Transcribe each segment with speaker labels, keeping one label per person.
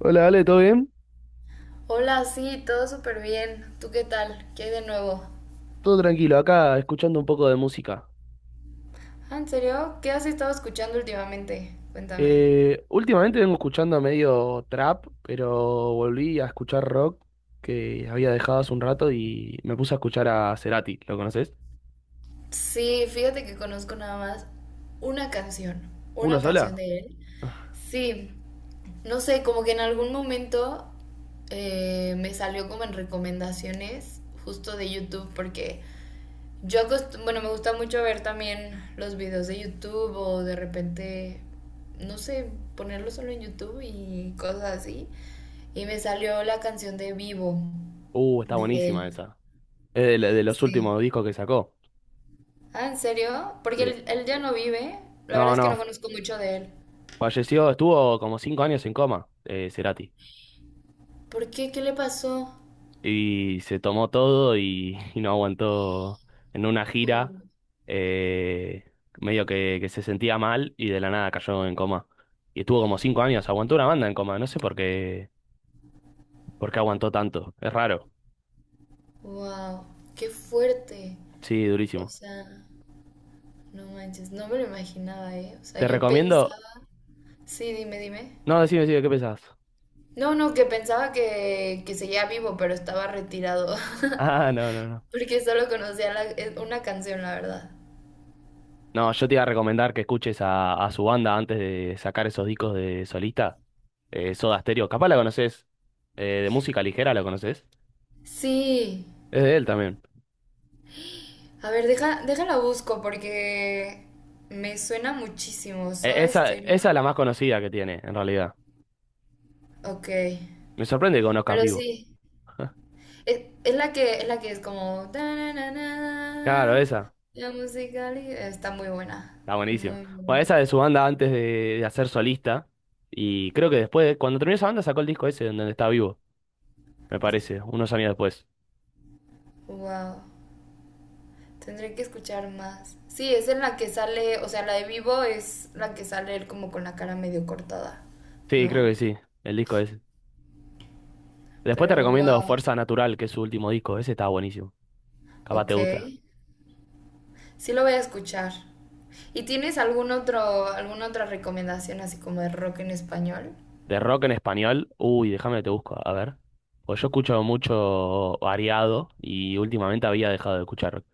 Speaker 1: Hola, Ale, ¿todo bien?
Speaker 2: Hola, sí, todo súper bien. ¿Tú qué tal? ¿Qué hay de nuevo?
Speaker 1: Todo tranquilo, acá escuchando un poco de música.
Speaker 2: Ah, ¿en serio? ¿Qué has estado escuchando últimamente? Cuéntame.
Speaker 1: Últimamente vengo escuchando medio trap, pero volví a escuchar rock que había dejado hace un rato y me puse a escuchar a Cerati, ¿lo conoces?
Speaker 2: Sí, fíjate que conozco nada más una canción,
Speaker 1: ¿Una
Speaker 2: una canción
Speaker 1: sola?
Speaker 2: de él. Sí, no sé, como que en algún momento me salió como en recomendaciones justo de YouTube porque bueno, me gusta mucho ver también los videos de YouTube o de repente, no sé, ponerlo solo en YouTube y cosas así. Y me salió la canción de Vivo
Speaker 1: Está
Speaker 2: de
Speaker 1: buenísima
Speaker 2: él.
Speaker 1: esa. Es de los
Speaker 2: Sí.
Speaker 1: últimos discos que sacó.
Speaker 2: Ah, ¿en serio? Porque
Speaker 1: Sí.
Speaker 2: él ya no vive. La verdad
Speaker 1: No,
Speaker 2: es que
Speaker 1: no,
Speaker 2: no conozco mucho de él.
Speaker 1: falleció, estuvo como 5 años en coma, Cerati.
Speaker 2: ¿Por qué? ¿Qué le pasó?
Speaker 1: Y se tomó todo y, y no aguantó en una gira,
Speaker 2: Oh,
Speaker 1: eh, medio que se sentía mal y de la nada cayó en coma. Y estuvo como cinco años, aguantó una banda en coma, no sé por qué aguantó tanto, es raro,
Speaker 2: wow, qué fuerte.
Speaker 1: sí,
Speaker 2: O
Speaker 1: durísimo.
Speaker 2: sea, no manches, no me lo imaginaba, ¿eh? O sea,
Speaker 1: Te
Speaker 2: yo
Speaker 1: recomiendo,
Speaker 2: pensaba... Sí, dime, dime.
Speaker 1: no, decime, decime, ¿qué pensás?
Speaker 2: No, no, que pensaba que seguía vivo, pero estaba retirado.
Speaker 1: Ah, no, no, no.
Speaker 2: Porque solo conocía una canción, la verdad.
Speaker 1: No, yo te iba a recomendar que escuches a su banda antes de sacar esos discos de solista, Soda Stereo, capaz la conoces, de música ligera la conoces,
Speaker 2: Sí,
Speaker 1: es de él también.
Speaker 2: a ver, deja, déjala busco porque me suena muchísimo.
Speaker 1: E-
Speaker 2: Soda
Speaker 1: Esa es
Speaker 2: Stereo.
Speaker 1: la más conocida que tiene, en realidad.
Speaker 2: Ok.
Speaker 1: Me sorprende que conozcas
Speaker 2: Pero
Speaker 1: Vivo.
Speaker 2: sí. Es la que es la que es como
Speaker 1: Claro,
Speaker 2: "Ta-na-na-na".
Speaker 1: esa.
Speaker 2: La musical está muy buena.
Speaker 1: Está buenísima.
Speaker 2: Muy
Speaker 1: Bueno, esa
Speaker 2: buena.
Speaker 1: de su banda antes de hacer solista. Y creo que después, cuando terminó esa banda, sacó el disco ese donde está Vivo, me parece, unos años después.
Speaker 2: Wow. Tendré que escuchar más. Sí, es en la que sale. O sea, la de Vivo es la que sale él como con la cara medio cortada.
Speaker 1: Sí, creo que
Speaker 2: ¿No?
Speaker 1: sí, el disco ese. Después te
Speaker 2: Pero
Speaker 1: recomiendo
Speaker 2: wow.
Speaker 1: Fuerza Natural, que es su último disco. Ese está buenísimo. Capaz te
Speaker 2: Ok.
Speaker 1: gusta.
Speaker 2: Sí lo voy a escuchar. ¿Y tienes algún otro, alguna otra recomendación así como de rock en español?
Speaker 1: De rock en español. Uy, déjame que te busco. A ver. Pues yo escucho mucho variado y últimamente había dejado de escuchar.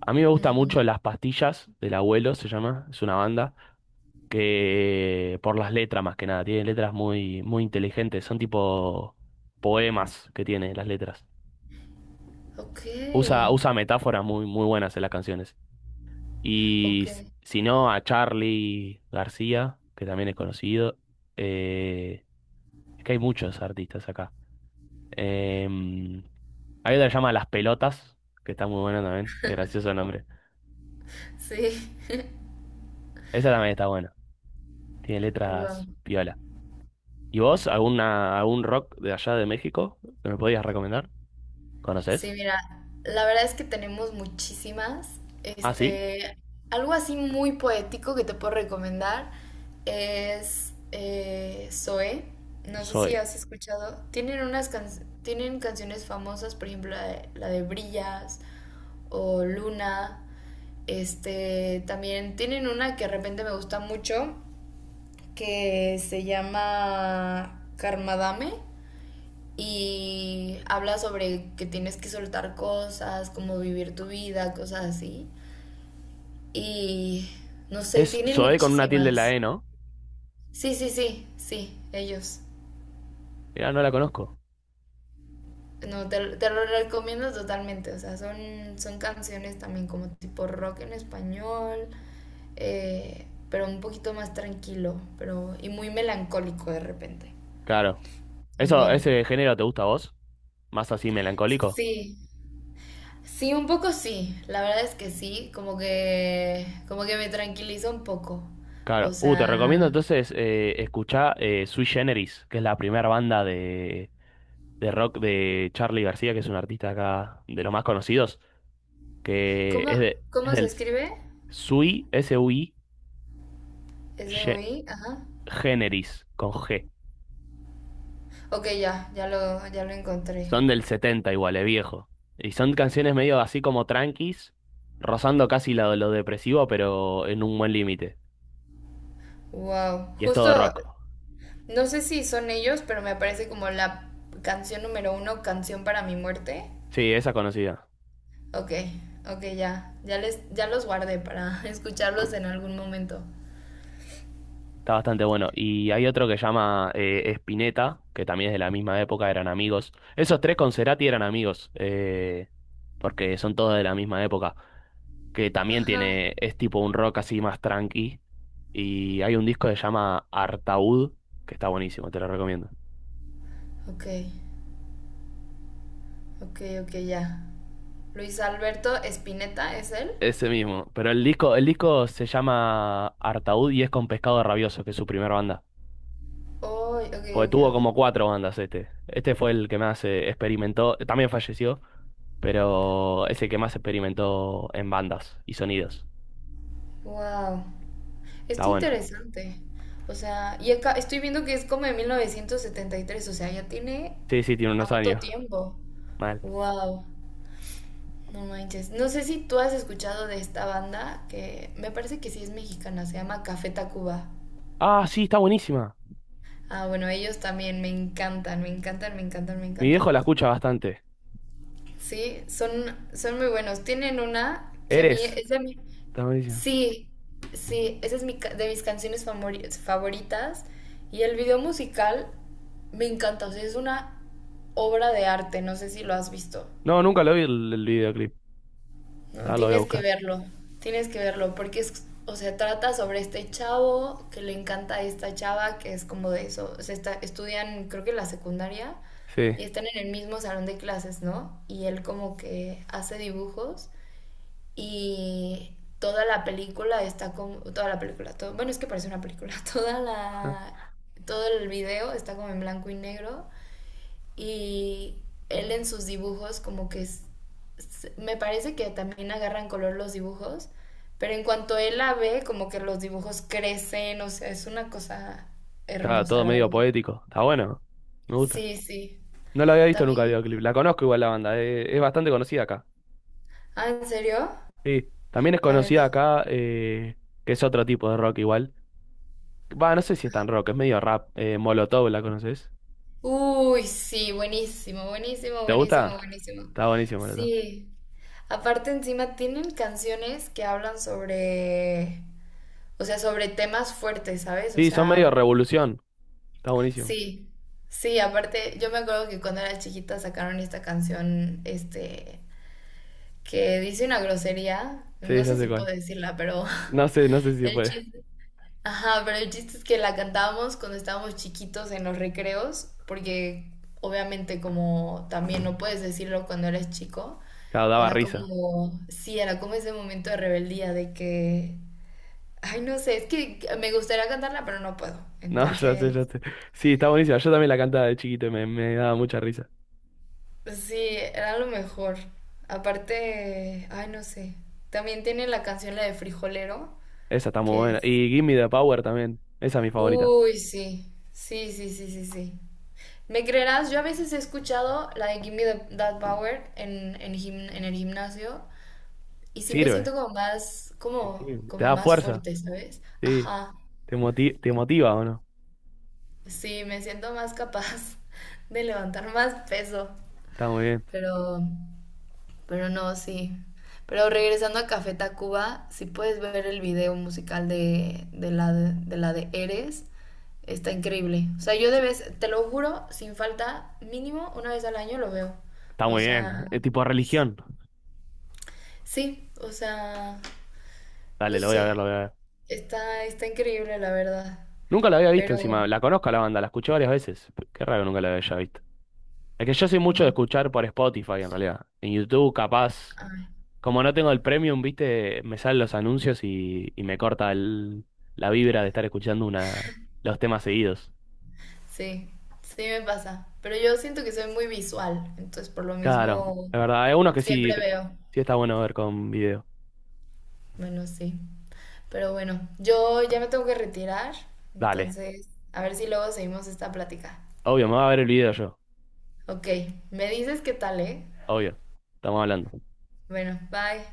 Speaker 1: A mí me gusta
Speaker 2: Ujú.
Speaker 1: mucho Las Pastillas del Abuelo, se llama, es una banda, que por las letras más que nada, tiene letras muy, muy inteligentes, son tipo poemas que tiene las letras.
Speaker 2: Ok,
Speaker 1: Usa metáforas muy, muy buenas en las canciones. Y
Speaker 2: ok,
Speaker 1: s- si no, a Charlie García, que también es conocido, eh, es que hay muchos artistas acá. Em, hay otra que se llama Las Pelotas, que está muy buena también, es gracioso el nombre.
Speaker 2: sí,
Speaker 1: Esa también está buena, tiene
Speaker 2: wow.
Speaker 1: letras piola. ¿Y vos, alguna, algún rock de allá de México que me podías recomendar?
Speaker 2: Sí,
Speaker 1: ¿Conoces?
Speaker 2: mira, la verdad es que tenemos muchísimas.
Speaker 1: Ah, sí,
Speaker 2: Este, algo así muy poético que te puedo recomendar es Zoé. No sé si
Speaker 1: Zoe.
Speaker 2: has escuchado. Tienen tienen canciones famosas, por ejemplo, la de Brillas o Luna. Este, también tienen una que de repente me gusta mucho, que se llama Karmadame y habla sobre que tienes que soltar cosas, como vivir tu vida, cosas así. Y no sé,
Speaker 1: ¿Es
Speaker 2: tienen
Speaker 1: Zoe con una tilde en la
Speaker 2: muchísimas.
Speaker 1: E, no?
Speaker 2: Sí, sí, sí, sí, ellos.
Speaker 1: Mirá, no la conozco.
Speaker 2: No, te lo recomiendo totalmente. O sea, son, son canciones también como tipo rock en español, pero un poquito más tranquilo pero, y muy melancólico de repente.
Speaker 1: Claro. Eso,
Speaker 2: Bien.
Speaker 1: ¿ese género te gusta a vos? ¿Más así melancólico?
Speaker 2: Sí, sí, un poco sí. La verdad es que sí, como que me tranquiliza un poco. O
Speaker 1: Claro. Te recomiendo
Speaker 2: sea,
Speaker 1: entonces escuchar Sui Generis, que es la primera banda de rock de Charly García, que es un artista acá de los más conocidos, que
Speaker 2: ¿cómo,
Speaker 1: es, de, es
Speaker 2: cómo se
Speaker 1: del
Speaker 2: escribe?
Speaker 1: Sui, S-U-I, Ge-
Speaker 2: S-O-I, ajá.
Speaker 1: Generis, con G.
Speaker 2: Ok, ya, ya lo encontré.
Speaker 1: Son del 70 igual, es viejo. Y son canciones medio así como tranquis, rozando casi lo depresivo, pero en un buen límite.
Speaker 2: Wow,
Speaker 1: Y es
Speaker 2: justo.
Speaker 1: todo rock.
Speaker 2: No sé si son ellos, pero me aparece como la canción número uno, canción para mi muerte.
Speaker 1: Sí, esa es conocida.
Speaker 2: Ok, ok, ya. Ya, les, ya los guardé para escucharlos en algún momento.
Speaker 1: Está bastante bueno. Y hay otro que llama Spinetta, que también es de la misma época, eran amigos. Esos tres con Cerati eran amigos, porque son todos de la misma época. Que también
Speaker 2: Ajá.
Speaker 1: tiene, es tipo un rock así más tranqui. Y hay un disco que se llama Artaud, que está buenísimo, te lo recomiendo.
Speaker 2: Ok, ok, ok, ya. Luis Alberto Spinetta, ¿es él?
Speaker 1: Ese mismo. Pero el disco se llama Artaud y es con Pescado Rabioso, que es su primera banda.
Speaker 2: Oh, ok,
Speaker 1: Porque
Speaker 2: ok,
Speaker 1: tuvo
Speaker 2: ok.
Speaker 1: como 4 bandas este. Este fue el que más experimentó. También falleció, pero es el que más experimentó en bandas y sonidos.
Speaker 2: Wow.
Speaker 1: Está
Speaker 2: Esto
Speaker 1: bueno.
Speaker 2: interesante. O sea, y acá estoy viendo que es como de 1973, o sea, ya tiene
Speaker 1: Sí, sí, tiene unos
Speaker 2: harto
Speaker 1: años.
Speaker 2: tiempo.
Speaker 1: Mal.
Speaker 2: Wow. No manches. No sé si tú has escuchado de esta banda que me parece que sí es mexicana, se llama Café Tacuba.
Speaker 1: Ah, sí, está buenísima.
Speaker 2: Ah, bueno, ellos también me encantan, me encantan, me encantan, me
Speaker 1: Mi viejo
Speaker 2: encantan.
Speaker 1: la escucha bastante.
Speaker 2: Sí, son, son muy buenos. Tienen una que a mí
Speaker 1: Eres.
Speaker 2: es de mi...
Speaker 1: Está buenísima.
Speaker 2: Sí, sí, esa es de mis favoritas. Y el video musical me encanta, o sea, es una obra de arte, no sé si lo has visto.
Speaker 1: No, nunca lo vi el videoclip.
Speaker 2: No,
Speaker 1: Ahora lo voy a buscar.
Speaker 2: tienes que verlo, porque es, o sea, trata sobre este chavo que le encanta a esta chava, que es como de eso, o sea, estudian creo que la secundaria
Speaker 1: Sí.
Speaker 2: y están en el mismo salón de clases, ¿no? Y él como que hace dibujos y toda la película está como, toda la película, todo, bueno, es que parece una película, toda
Speaker 1: Ajá.
Speaker 2: la, todo el video está como en blanco y negro y él en sus dibujos como que me parece que también agarran color los dibujos, pero en cuanto él la ve como que los dibujos crecen, o sea, es una cosa
Speaker 1: Claro,
Speaker 2: hermosa,
Speaker 1: todo
Speaker 2: la
Speaker 1: medio
Speaker 2: verdad.
Speaker 1: poético. Está bueno. Me gusta.
Speaker 2: Sí, sí.
Speaker 1: No la había visto nunca el
Speaker 2: También,
Speaker 1: videoclip. La conozco igual la banda. Es bastante conocida acá.
Speaker 2: ah, ¿en serio?
Speaker 1: Sí. También es
Speaker 2: A ver,
Speaker 1: conocida
Speaker 2: deja-
Speaker 1: acá, que es otro tipo de rock igual. Va, no sé si es tan rock, es medio rap. Molotov, ¿la conoces?
Speaker 2: Uy, sí, buenísimo, buenísimo,
Speaker 1: ¿Te
Speaker 2: buenísimo,
Speaker 1: gusta?
Speaker 2: buenísimo.
Speaker 1: Está buenísimo, Molotov.
Speaker 2: Sí. Aparte encima tienen canciones que hablan sobre, o sea, sobre temas fuertes, ¿sabes? O
Speaker 1: Sí, son medio
Speaker 2: sea,
Speaker 1: revolución. Está buenísimo.
Speaker 2: sí, sí, aparte, yo me acuerdo que cuando era chiquita sacaron esta canción, este, que dice una grosería,
Speaker 1: Sí,
Speaker 2: no
Speaker 1: ya
Speaker 2: sé
Speaker 1: sé
Speaker 2: si
Speaker 1: cuál.
Speaker 2: puedo decirla, pero
Speaker 1: No sé, no sé si
Speaker 2: el
Speaker 1: fue.
Speaker 2: chiste, ajá, pero el chiste es que la cantábamos cuando estábamos chiquitos en los recreos, porque obviamente como también no puedes decirlo cuando eres chico,
Speaker 1: Claro, daba
Speaker 2: era
Speaker 1: risa.
Speaker 2: como, sí, era como ese momento de rebeldía de que, ay, no sé, es que me gustaría cantarla, pero no puedo,
Speaker 1: No, ya sé,
Speaker 2: entonces...
Speaker 1: ya sé. Sí, está buenísima. Yo también la cantaba de chiquito y me daba mucha risa.
Speaker 2: Sí, era lo mejor. Aparte, ay, no sé. También tiene la canción la de Frijolero,
Speaker 1: Esa está muy
Speaker 2: que
Speaker 1: buena.
Speaker 2: es...
Speaker 1: Y Gimme the Power también. Esa es mi favorita.
Speaker 2: Uy, sí. Sí, sí, sí, sí, sí. ¿Me creerás? Yo a veces he escuchado la de That Power en el gimnasio y sí me
Speaker 1: Sirve.
Speaker 2: siento como más,
Speaker 1: Sí,
Speaker 2: como,
Speaker 1: te
Speaker 2: como
Speaker 1: da
Speaker 2: más
Speaker 1: fuerza.
Speaker 2: fuerte, ¿sabes?
Speaker 1: Sí.
Speaker 2: Ajá.
Speaker 1: ¿Te moti- te motiva o no?
Speaker 2: Sí, me siento más capaz de levantar más peso.
Speaker 1: Está muy bien.
Speaker 2: Pero Pero no, sí. Pero regresando a Café Tacuba, si puedes ver el video musical de la de Eres, está increíble. O sea, yo de
Speaker 1: Sí,
Speaker 2: vez, te lo juro, sin falta, mínimo una vez al año lo veo.
Speaker 1: está
Speaker 2: O
Speaker 1: muy bien.
Speaker 2: sea,
Speaker 1: Es tipo religión.
Speaker 2: sí, o sea, no
Speaker 1: Dale, lo voy a
Speaker 2: sé.
Speaker 1: ver, lo voy a ver.
Speaker 2: Está, está increíble, la verdad.
Speaker 1: Nunca la había visto
Speaker 2: Pero,
Speaker 1: encima. La conozco a la banda, la escuché varias veces. P- Qué raro que nunca la haya visto. Es que yo soy mucho de
Speaker 2: no,
Speaker 1: escuchar por Spotify en realidad. En YouTube, capaz.
Speaker 2: ay,
Speaker 1: Como no tengo el premium, viste, me salen los anuncios y me corta el- la vibra de estar escuchando una, los temas seguidos.
Speaker 2: sí, sí me pasa. Pero yo siento que soy muy visual, entonces por lo
Speaker 1: Claro,
Speaker 2: mismo
Speaker 1: es verdad. Hay unos que sí,
Speaker 2: siempre veo.
Speaker 1: sí está bueno ver con video.
Speaker 2: Bueno, sí. Pero bueno, yo ya me tengo que retirar,
Speaker 1: Dale.
Speaker 2: entonces a ver si luego seguimos esta plática.
Speaker 1: Obvio, me va a ver el video yo.
Speaker 2: Ok, me dices qué tal, ¿eh?
Speaker 1: Obvio. Estamos hablando.
Speaker 2: Bueno, bye.